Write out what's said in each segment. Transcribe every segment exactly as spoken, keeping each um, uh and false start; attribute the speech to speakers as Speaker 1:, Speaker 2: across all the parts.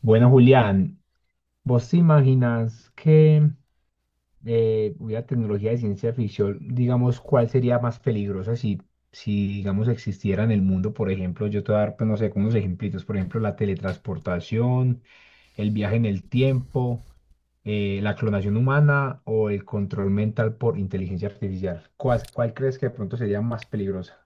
Speaker 1: Bueno, Julián, ¿vos te imaginas que eh, hubiera tecnología de ciencia ficción, digamos, cuál sería más peligrosa si, si, digamos, existiera en el mundo? Por ejemplo, yo te voy a dar, pues, no sé, como unos ejemplitos, por ejemplo, la teletransportación, el viaje en el tiempo, eh, la clonación humana o el control mental por inteligencia artificial. ¿Cuál, cuál crees que de pronto sería más peligrosa?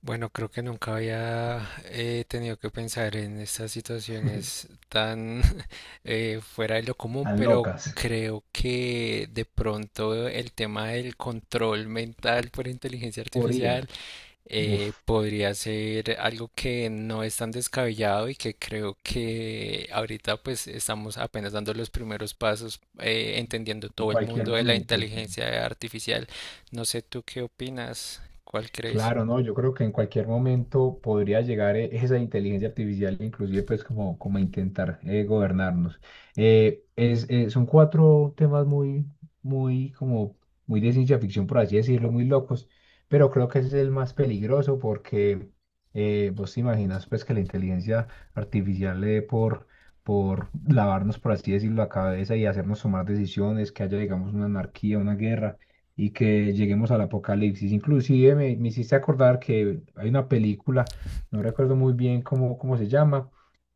Speaker 2: Bueno, creo que nunca había eh, tenido que pensar en estas situaciones tan eh, fuera de lo común,
Speaker 1: Tan
Speaker 2: pero
Speaker 1: locas,
Speaker 2: creo que de pronto el tema del control mental por inteligencia
Speaker 1: por I A,
Speaker 2: artificial eh,
Speaker 1: uf,
Speaker 2: podría ser algo que no es tan descabellado y que creo que ahorita pues estamos apenas dando los primeros pasos, eh, entendiendo
Speaker 1: en
Speaker 2: todo el
Speaker 1: cualquier
Speaker 2: mundo de la
Speaker 1: momento.
Speaker 2: inteligencia artificial. No sé tú qué opinas, ¿cuál crees?
Speaker 1: Claro, no, yo creo que en cualquier momento podría llegar eh, esa inteligencia artificial, inclusive pues como, como a intentar eh, gobernarnos. Eh, es, eh, son cuatro temas muy, muy como, muy de ciencia ficción, por así decirlo, muy locos, pero creo que ese es el más peligroso porque eh, vos te imaginas pues que la inteligencia artificial le dé por, por lavarnos, por así decirlo, la cabeza y hacernos tomar decisiones, que haya digamos una anarquía, una guerra y que lleguemos al apocalipsis. Inclusive me, me hiciste acordar que hay una película, no recuerdo muy bien cómo, cómo se llama,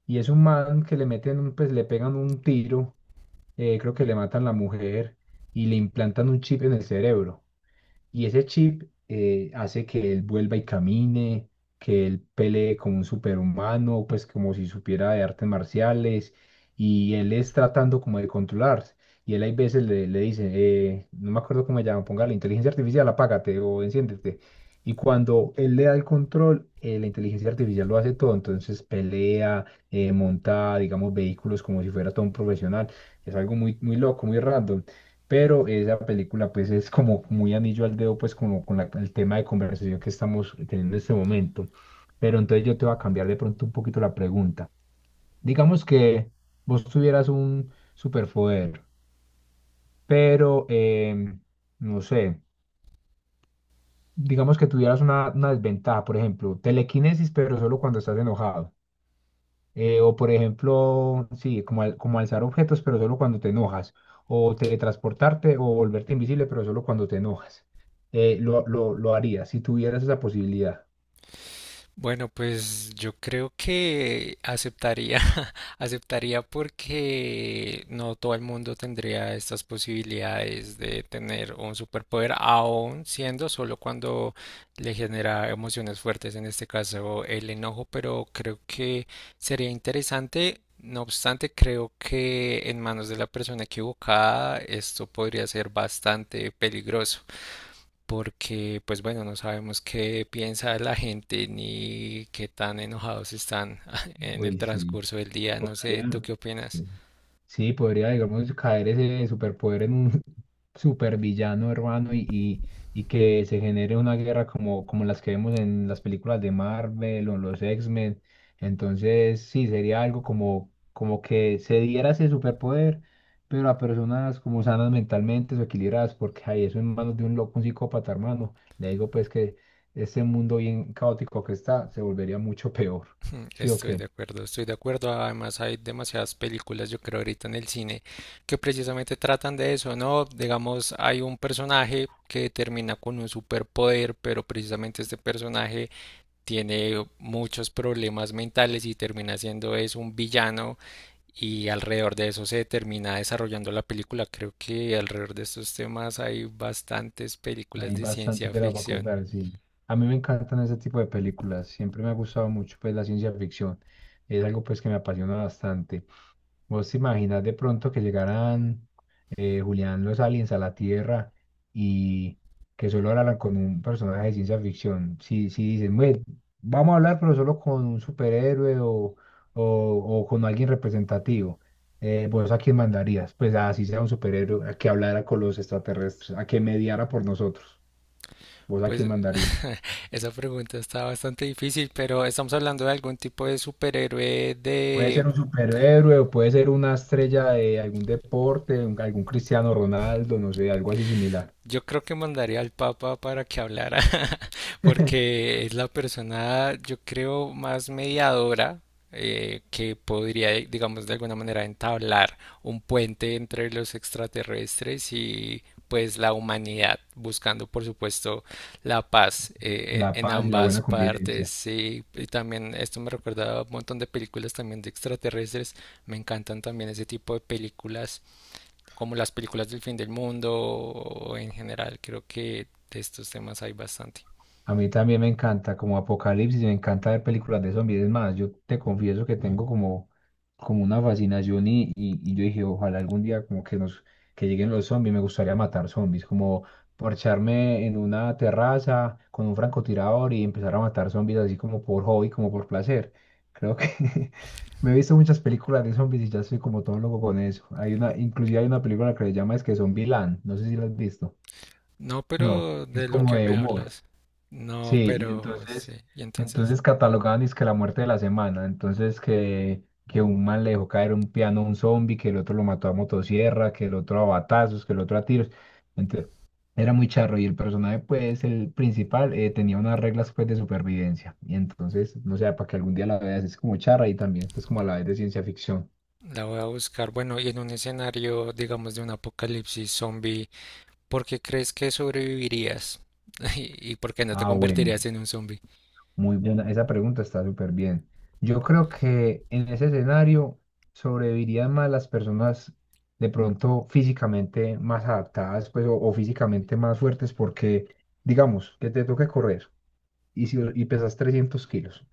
Speaker 1: y es un man que le meten, un- pues le pegan un tiro, eh, creo que le matan la mujer y le implantan un chip en el cerebro. Y ese chip eh, hace que él vuelva y camine, que él pelee como un superhumano, pues como si supiera de artes marciales, y él es tratando como de controlarse. Y él hay veces le, le dice, eh, no me acuerdo cómo se llama, ponga la inteligencia artificial, apágate o enciéndete. Y cuando él le da el control, eh, la inteligencia artificial lo hace todo. Entonces pelea, eh, monta, digamos, vehículos como si fuera todo un profesional. Es algo muy, muy loco, muy random. Pero esa película pues es como muy anillo al dedo pues como con la- el tema de conversación que estamos teniendo en este momento. Pero entonces yo te voy a cambiar de pronto un poquito la pregunta. Digamos que vos tuvieras un superpoder, pero em, no sé, digamos que tuvieras una, una desventaja, por ejemplo, telequinesis pero solo cuando estás enojado. Eh, o por ejemplo, sí, como, al- como alzar objetos, pero solo cuando te enojas. O teletransportarte o volverte invisible, pero solo cuando te enojas. Eh, lo, lo, lo haría si tuvieras esa posibilidad.
Speaker 2: Bueno, pues yo creo que aceptaría, aceptaría porque no todo el mundo tendría estas posibilidades de tener un superpoder, aún siendo solo cuando le genera emociones fuertes, en este caso el enojo, pero creo que sería interesante. No obstante, creo que en manos de la persona equivocada esto podría ser bastante peligroso porque pues bueno, no sabemos qué piensa la gente ni qué tan enojados están en el
Speaker 1: Uy, sí,
Speaker 2: transcurso del día. No
Speaker 1: podría.
Speaker 2: sé, ¿tú qué opinas?
Speaker 1: Sí. Sí, podría, digamos, caer ese superpoder en un supervillano hermano y, y, y que se genere una guerra como, como las que vemos en las películas de Marvel o en los X-Men. Entonces, sí, sería algo como, como que se diera ese superpoder, pero a personas como sanas mentalmente o equilibradas, porque hay eso en manos de un loco, un psicópata, hermano. Le digo, pues, que este mundo bien caótico que está se volvería mucho peor. ¿Sí o
Speaker 2: Estoy de
Speaker 1: qué?
Speaker 2: acuerdo, estoy de acuerdo. Además hay demasiadas películas, yo creo, ahorita en el cine que precisamente tratan de eso, ¿no? Digamos, hay un personaje que termina con un superpoder, pero precisamente este personaje tiene muchos problemas mentales y termina siendo es un villano y alrededor de eso se termina desarrollando la película. Creo que alrededor de estos temas hay bastantes películas
Speaker 1: Hay
Speaker 2: de
Speaker 1: bastante
Speaker 2: ciencia
Speaker 1: tela para
Speaker 2: ficción.
Speaker 1: cortar, sí. A mí me encantan ese tipo de películas. Siempre me ha gustado mucho pues la ciencia ficción. Es algo pues que me apasiona bastante. ¿Vos te imaginas de pronto que llegaran eh, Julián, los aliens a la Tierra y que solo hablaran con un personaje de ciencia ficción? Si, si dicen, "Bueno, vamos a hablar pero solo con un superhéroe o, o, o con alguien representativo". Eh, ¿vos a quién mandarías? Pues así sea un superhéroe a que hablara con los extraterrestres, a que mediara por nosotros. ¿Vos a quién
Speaker 2: Pues
Speaker 1: mandarías?
Speaker 2: esa pregunta está bastante difícil, pero estamos hablando de algún tipo de superhéroe
Speaker 1: Puede
Speaker 2: de.
Speaker 1: ser un superhéroe o puede ser una estrella de algún deporte, un- algún Cristiano Ronaldo, no sé, algo así similar.
Speaker 2: Yo creo que mandaría al Papa para que hablara, porque es la persona, yo creo, más mediadora eh, que podría, eh, digamos, de alguna manera entablar un puente entre los extraterrestres y pues la humanidad, buscando, por supuesto, la paz eh,
Speaker 1: La
Speaker 2: en en
Speaker 1: paz y la
Speaker 2: ambas
Speaker 1: buena convivencia.
Speaker 2: partes. Y, y también esto me recuerda a un montón de películas también de extraterrestres. Me encantan también ese tipo de películas como las películas del fin del mundo o en general. Creo que de estos temas hay bastante.
Speaker 1: A mí también me encanta, como Apocalipsis, me encanta ver películas de zombies. Es más, yo te confieso que tengo como, como una fascinación y, y, y yo dije, ojalá algún día como que nos, que lleguen los zombies, me gustaría matar zombies, como parcharme en una terraza con un francotirador y empezar a matar zombies así como por hobby, como por placer. Creo que me he visto muchas películas de zombies y ya soy como todo loco con eso. Hay una, inclusive hay una película que se llama es que Zombieland, no sé si la has visto.
Speaker 2: No,
Speaker 1: No,
Speaker 2: pero
Speaker 1: es
Speaker 2: de lo
Speaker 1: como
Speaker 2: que
Speaker 1: de
Speaker 2: me
Speaker 1: humor.
Speaker 2: hablas.
Speaker 1: Sí,
Speaker 2: No,
Speaker 1: y
Speaker 2: pero sí.
Speaker 1: entonces,
Speaker 2: Y entonces
Speaker 1: entonces catalogaban es que la muerte de la semana, entonces que, que un man le dejó caer un piano a un zombie, que el otro lo mató a motosierra, que el otro a batazos, que el otro a tiros. Entonces, era muy charro y el personaje, pues, el principal, eh, tenía unas reglas, pues, de supervivencia. Y entonces, no sé, para que algún día la veas, es como charra y también, pues, como a la vez de ciencia ficción.
Speaker 2: la voy a buscar. Bueno, y en un escenario, digamos, de un apocalipsis zombie, ¿por qué crees que sobrevivirías? ¿Y y por qué no te
Speaker 1: Ah, bueno.
Speaker 2: convertirías en un zombie?
Speaker 1: Muy buena, esa pregunta está súper bien. Yo creo que en ese escenario sobrevivirían más las personas de pronto físicamente más adaptadas, pues, o, o físicamente más fuertes, porque digamos que te toque correr y, si- y pesas trescientos kilos.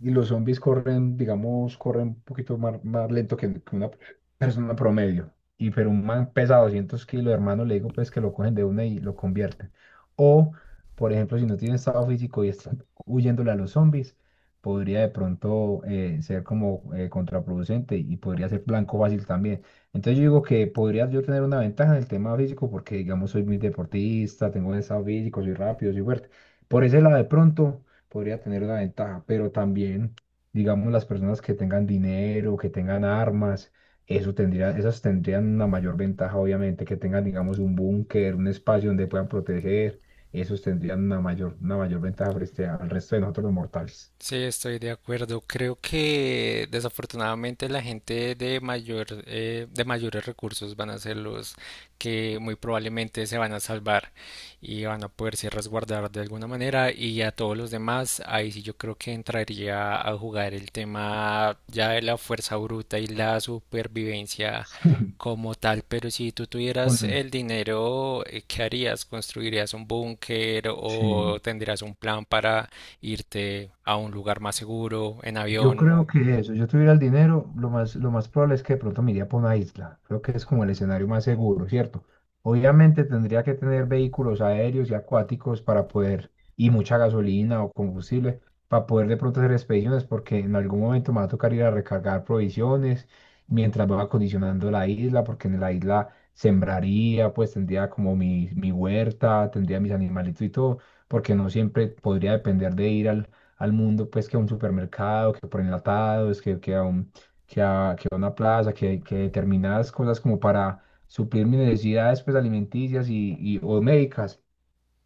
Speaker 1: Y los zombies corren, digamos, corren un poquito más, más lento que, que una persona promedio. Y pero un man pesa doscientos kilos, hermano, le digo pues que lo cogen de una y lo convierten. O, por ejemplo, si no tiene estado físico y está huyéndole a los zombies, podría de pronto eh, ser como eh, contraproducente y podría ser blanco fácil también. Entonces yo digo que podría yo tener una ventaja en el tema físico porque, digamos, soy muy deportista, tengo buen estado físico, soy rápido, soy fuerte. Por ese lado, de pronto podría tener una ventaja, pero también, digamos, las personas que tengan dinero, que tengan armas, eso tendría, esas tendrían una mayor ventaja, obviamente, que tengan, digamos, un búnker, un espacio donde puedan proteger, esos tendrían una mayor, una mayor ventaja frente al resto de nosotros los mortales.
Speaker 2: Sí, estoy de acuerdo. Creo que desafortunadamente la gente de mayor, eh, de mayores recursos van a ser los que muy probablemente se van a salvar y van a poderse resguardar de alguna manera. Y a todos los demás, ahí sí yo creo que entraría a jugar el tema ya de la fuerza bruta y la supervivencia como tal. Pero si tú tuvieras
Speaker 1: Con,
Speaker 2: el dinero, eh, ¿qué harías? ¿Construirías un búnker o
Speaker 1: sí.
Speaker 2: tendrías un plan para irte a un lugar más seguro, en
Speaker 1: Yo
Speaker 2: avión?
Speaker 1: creo que eso, yo tuviera el dinero, lo más, lo más probable es que de pronto me iría por una isla. Creo que es como el escenario más seguro, ¿cierto? Obviamente tendría que tener vehículos aéreos y acuáticos para poder, y mucha gasolina o combustible, para poder de pronto hacer expediciones, porque en algún momento me va a tocar ir a recargar provisiones mientras va acondicionando la isla, porque en la isla sembraría, pues tendría como mi, mi huerta, tendría mis animalitos y todo, porque no siempre podría depender de ir al al mundo, pues que a un supermercado, que por enlatados, que, que a un, que a, que a una plaza, que, que determinadas cosas como para suplir mis necesidades pues alimenticias y, y o médicas.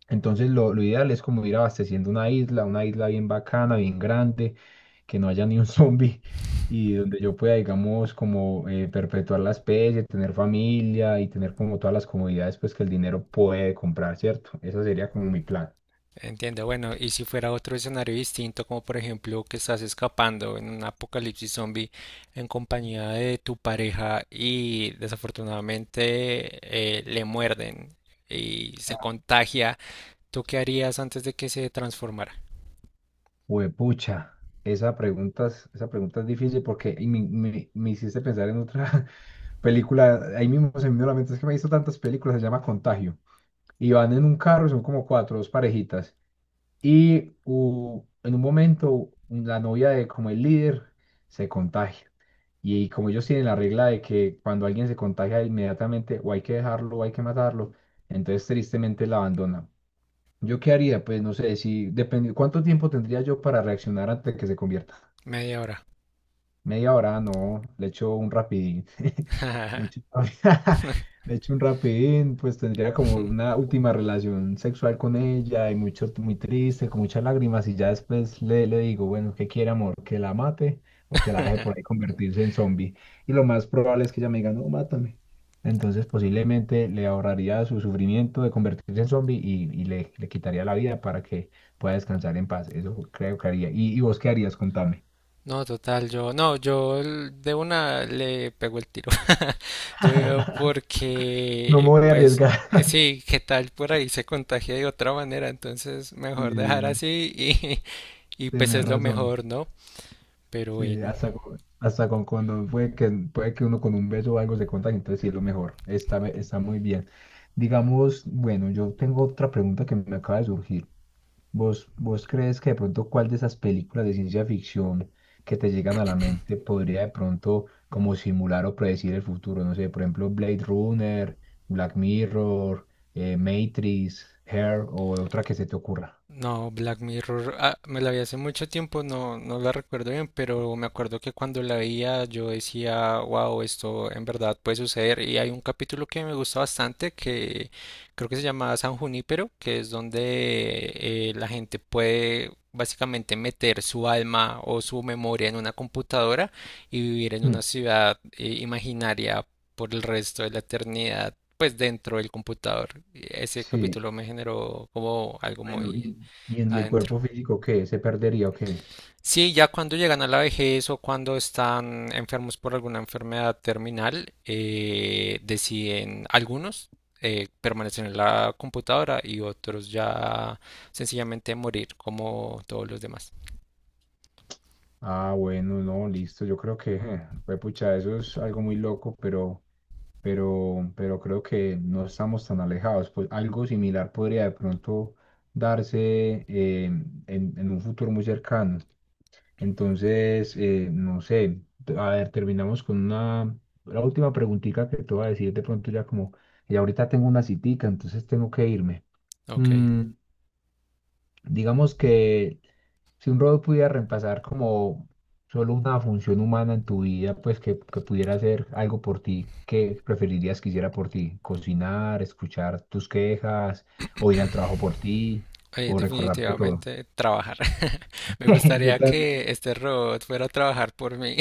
Speaker 1: Entonces lo, lo ideal es como ir abasteciendo una isla, una isla bien bacana, bien grande, que no haya ni un zombie y donde yo pueda, digamos, como eh, perpetuar la especie, tener familia y tener como todas las comodidades pues que el dinero puede comprar, ¿cierto? Ese sería como mi plan.
Speaker 2: Entiendo, bueno, y si fuera otro escenario distinto, como por ejemplo que estás escapando en un apocalipsis zombie en compañía de tu pareja y desafortunadamente eh, le muerden y se contagia, ¿tú qué harías antes de que se transformara?
Speaker 1: Huepucha, esa pregunta es, esa pregunta es difícil porque y me, me- me hiciste pensar en otra película. Ahí mismo se me vino a la mente, es que me he visto tantas películas, se llama Contagio. Y van en un carro, son como cuatro, dos parejitas. Y u- en un momento, la novia de como el líder se contagia. Y, como ellos tienen la regla de que cuando alguien se contagia inmediatamente, o hay que dejarlo, o hay que matarlo, entonces tristemente la abandona. ¿Yo qué haría? Pues no sé, si depende, ¿cuánto tiempo tendría yo para reaccionar antes de que se convierta?
Speaker 2: Media hora.
Speaker 1: Media hora, no, le echo un rapidín. Le echo, le echo un rapidín, pues tendría como una última relación sexual con ella y mucho, muy triste, con muchas lágrimas y ya después le, le digo, bueno, ¿qué quiere, amor? ¿Que la mate o que la deje por ahí convertirse en zombie? Y lo más probable es que ella me diga, no, mátame. Entonces posiblemente le ahorraría su sufrimiento de convertirse en zombie y, y le, le quitaría la vida para que pueda descansar en paz. Eso creo que haría. ¿Y, y vos qué harías? Contame.
Speaker 2: No, total, yo, no, yo el- de una le pego el tiro. Yo digo
Speaker 1: No me
Speaker 2: porque,
Speaker 1: voy a
Speaker 2: pues,
Speaker 1: arriesgar.
Speaker 2: eh, sí, qué tal por ahí se contagia de otra manera, entonces mejor dejar
Speaker 1: Sí,
Speaker 2: así y, y pues
Speaker 1: tenés
Speaker 2: es lo
Speaker 1: razón.
Speaker 2: mejor, ¿no? Pero
Speaker 1: Sí,
Speaker 2: bueno.
Speaker 1: hasta con, hasta con cuando puede que, puede que uno con un beso o algo se contagie, entonces sí es lo mejor. Está, be- está muy bien. Digamos, bueno, yo tengo otra pregunta que me acaba de surgir. ¿Vos, vos crees que de pronto cuál de esas películas de ciencia ficción que te llegan a la mente podría de pronto como simular o predecir el futuro? No sé, por ejemplo, Blade Runner, Black Mirror, eh, Matrix, Hair o otra que se te ocurra.
Speaker 2: No, Black Mirror, ah, me la vi hace mucho tiempo, no, no la recuerdo bien, pero me acuerdo que cuando la veía yo decía, wow, esto en verdad puede suceder. Y hay un capítulo que me gusta bastante que creo que se llama San Junípero, que es donde eh, la gente puede básicamente meter su alma o su memoria en una computadora y vivir en
Speaker 1: Hmm.
Speaker 2: una ciudad eh, imaginaria por el resto de la eternidad, pues dentro del computador. Y ese
Speaker 1: Sí.
Speaker 2: capítulo me generó como algo
Speaker 1: Bueno,
Speaker 2: muy,
Speaker 1: y, y en y el
Speaker 2: adentro.
Speaker 1: cuerpo físico, ¿qué? ¿Se perdería o qué?
Speaker 2: Sí, ya cuando llegan a la vejez o cuando están enfermos por alguna enfermedad terminal, eh, deciden, algunos eh, permanecen en la computadora y otros ya sencillamente morir como todos los demás.
Speaker 1: Ah, bueno, no, listo. Yo creo que, eh, pues, pucha, eso es algo muy loco, pero, pero, pero creo que no estamos tan alejados. Pues algo similar podría de pronto darse eh, en, en un futuro muy cercano. Entonces, eh, no sé, t- a ver, terminamos con una, la última preguntita que te voy a decir de pronto ya como, y ahorita tengo una citica, entonces tengo que irme.
Speaker 2: Ok.
Speaker 1: Mm. Digamos que si un robot pudiera reemplazar como solo una función humana en tu vida, pues que, que pudiera hacer algo por ti, ¿qué preferirías que hiciera por ti? ¿Cocinar, escuchar tus quejas, o ir al trabajo por ti,
Speaker 2: Eh,
Speaker 1: o recordarte todo?
Speaker 2: definitivamente trabajar. Me
Speaker 1: Yo
Speaker 2: gustaría
Speaker 1: también.
Speaker 2: que este robot fuera a trabajar por mí.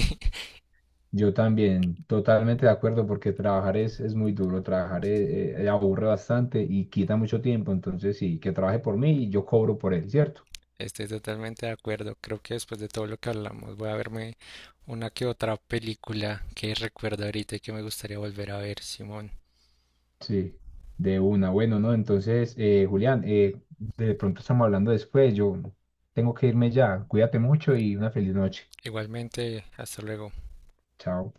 Speaker 1: Yo también, totalmente de acuerdo, porque trabajar es, es muy duro, trabajar eh, eh, aburre bastante y quita mucho tiempo, entonces sí, que trabaje por mí y yo cobro por él, ¿cierto?
Speaker 2: Estoy totalmente de acuerdo. Creo que después de todo lo que hablamos voy a verme una que otra película que recuerdo ahorita y que me gustaría volver a ver, Simón.
Speaker 1: Sí, de una. Bueno, ¿no? Entonces, eh, Julián, eh, de pronto estamos hablando después. Yo tengo que irme ya. Cuídate mucho y una feliz noche.
Speaker 2: Igualmente, hasta luego.
Speaker 1: Chao.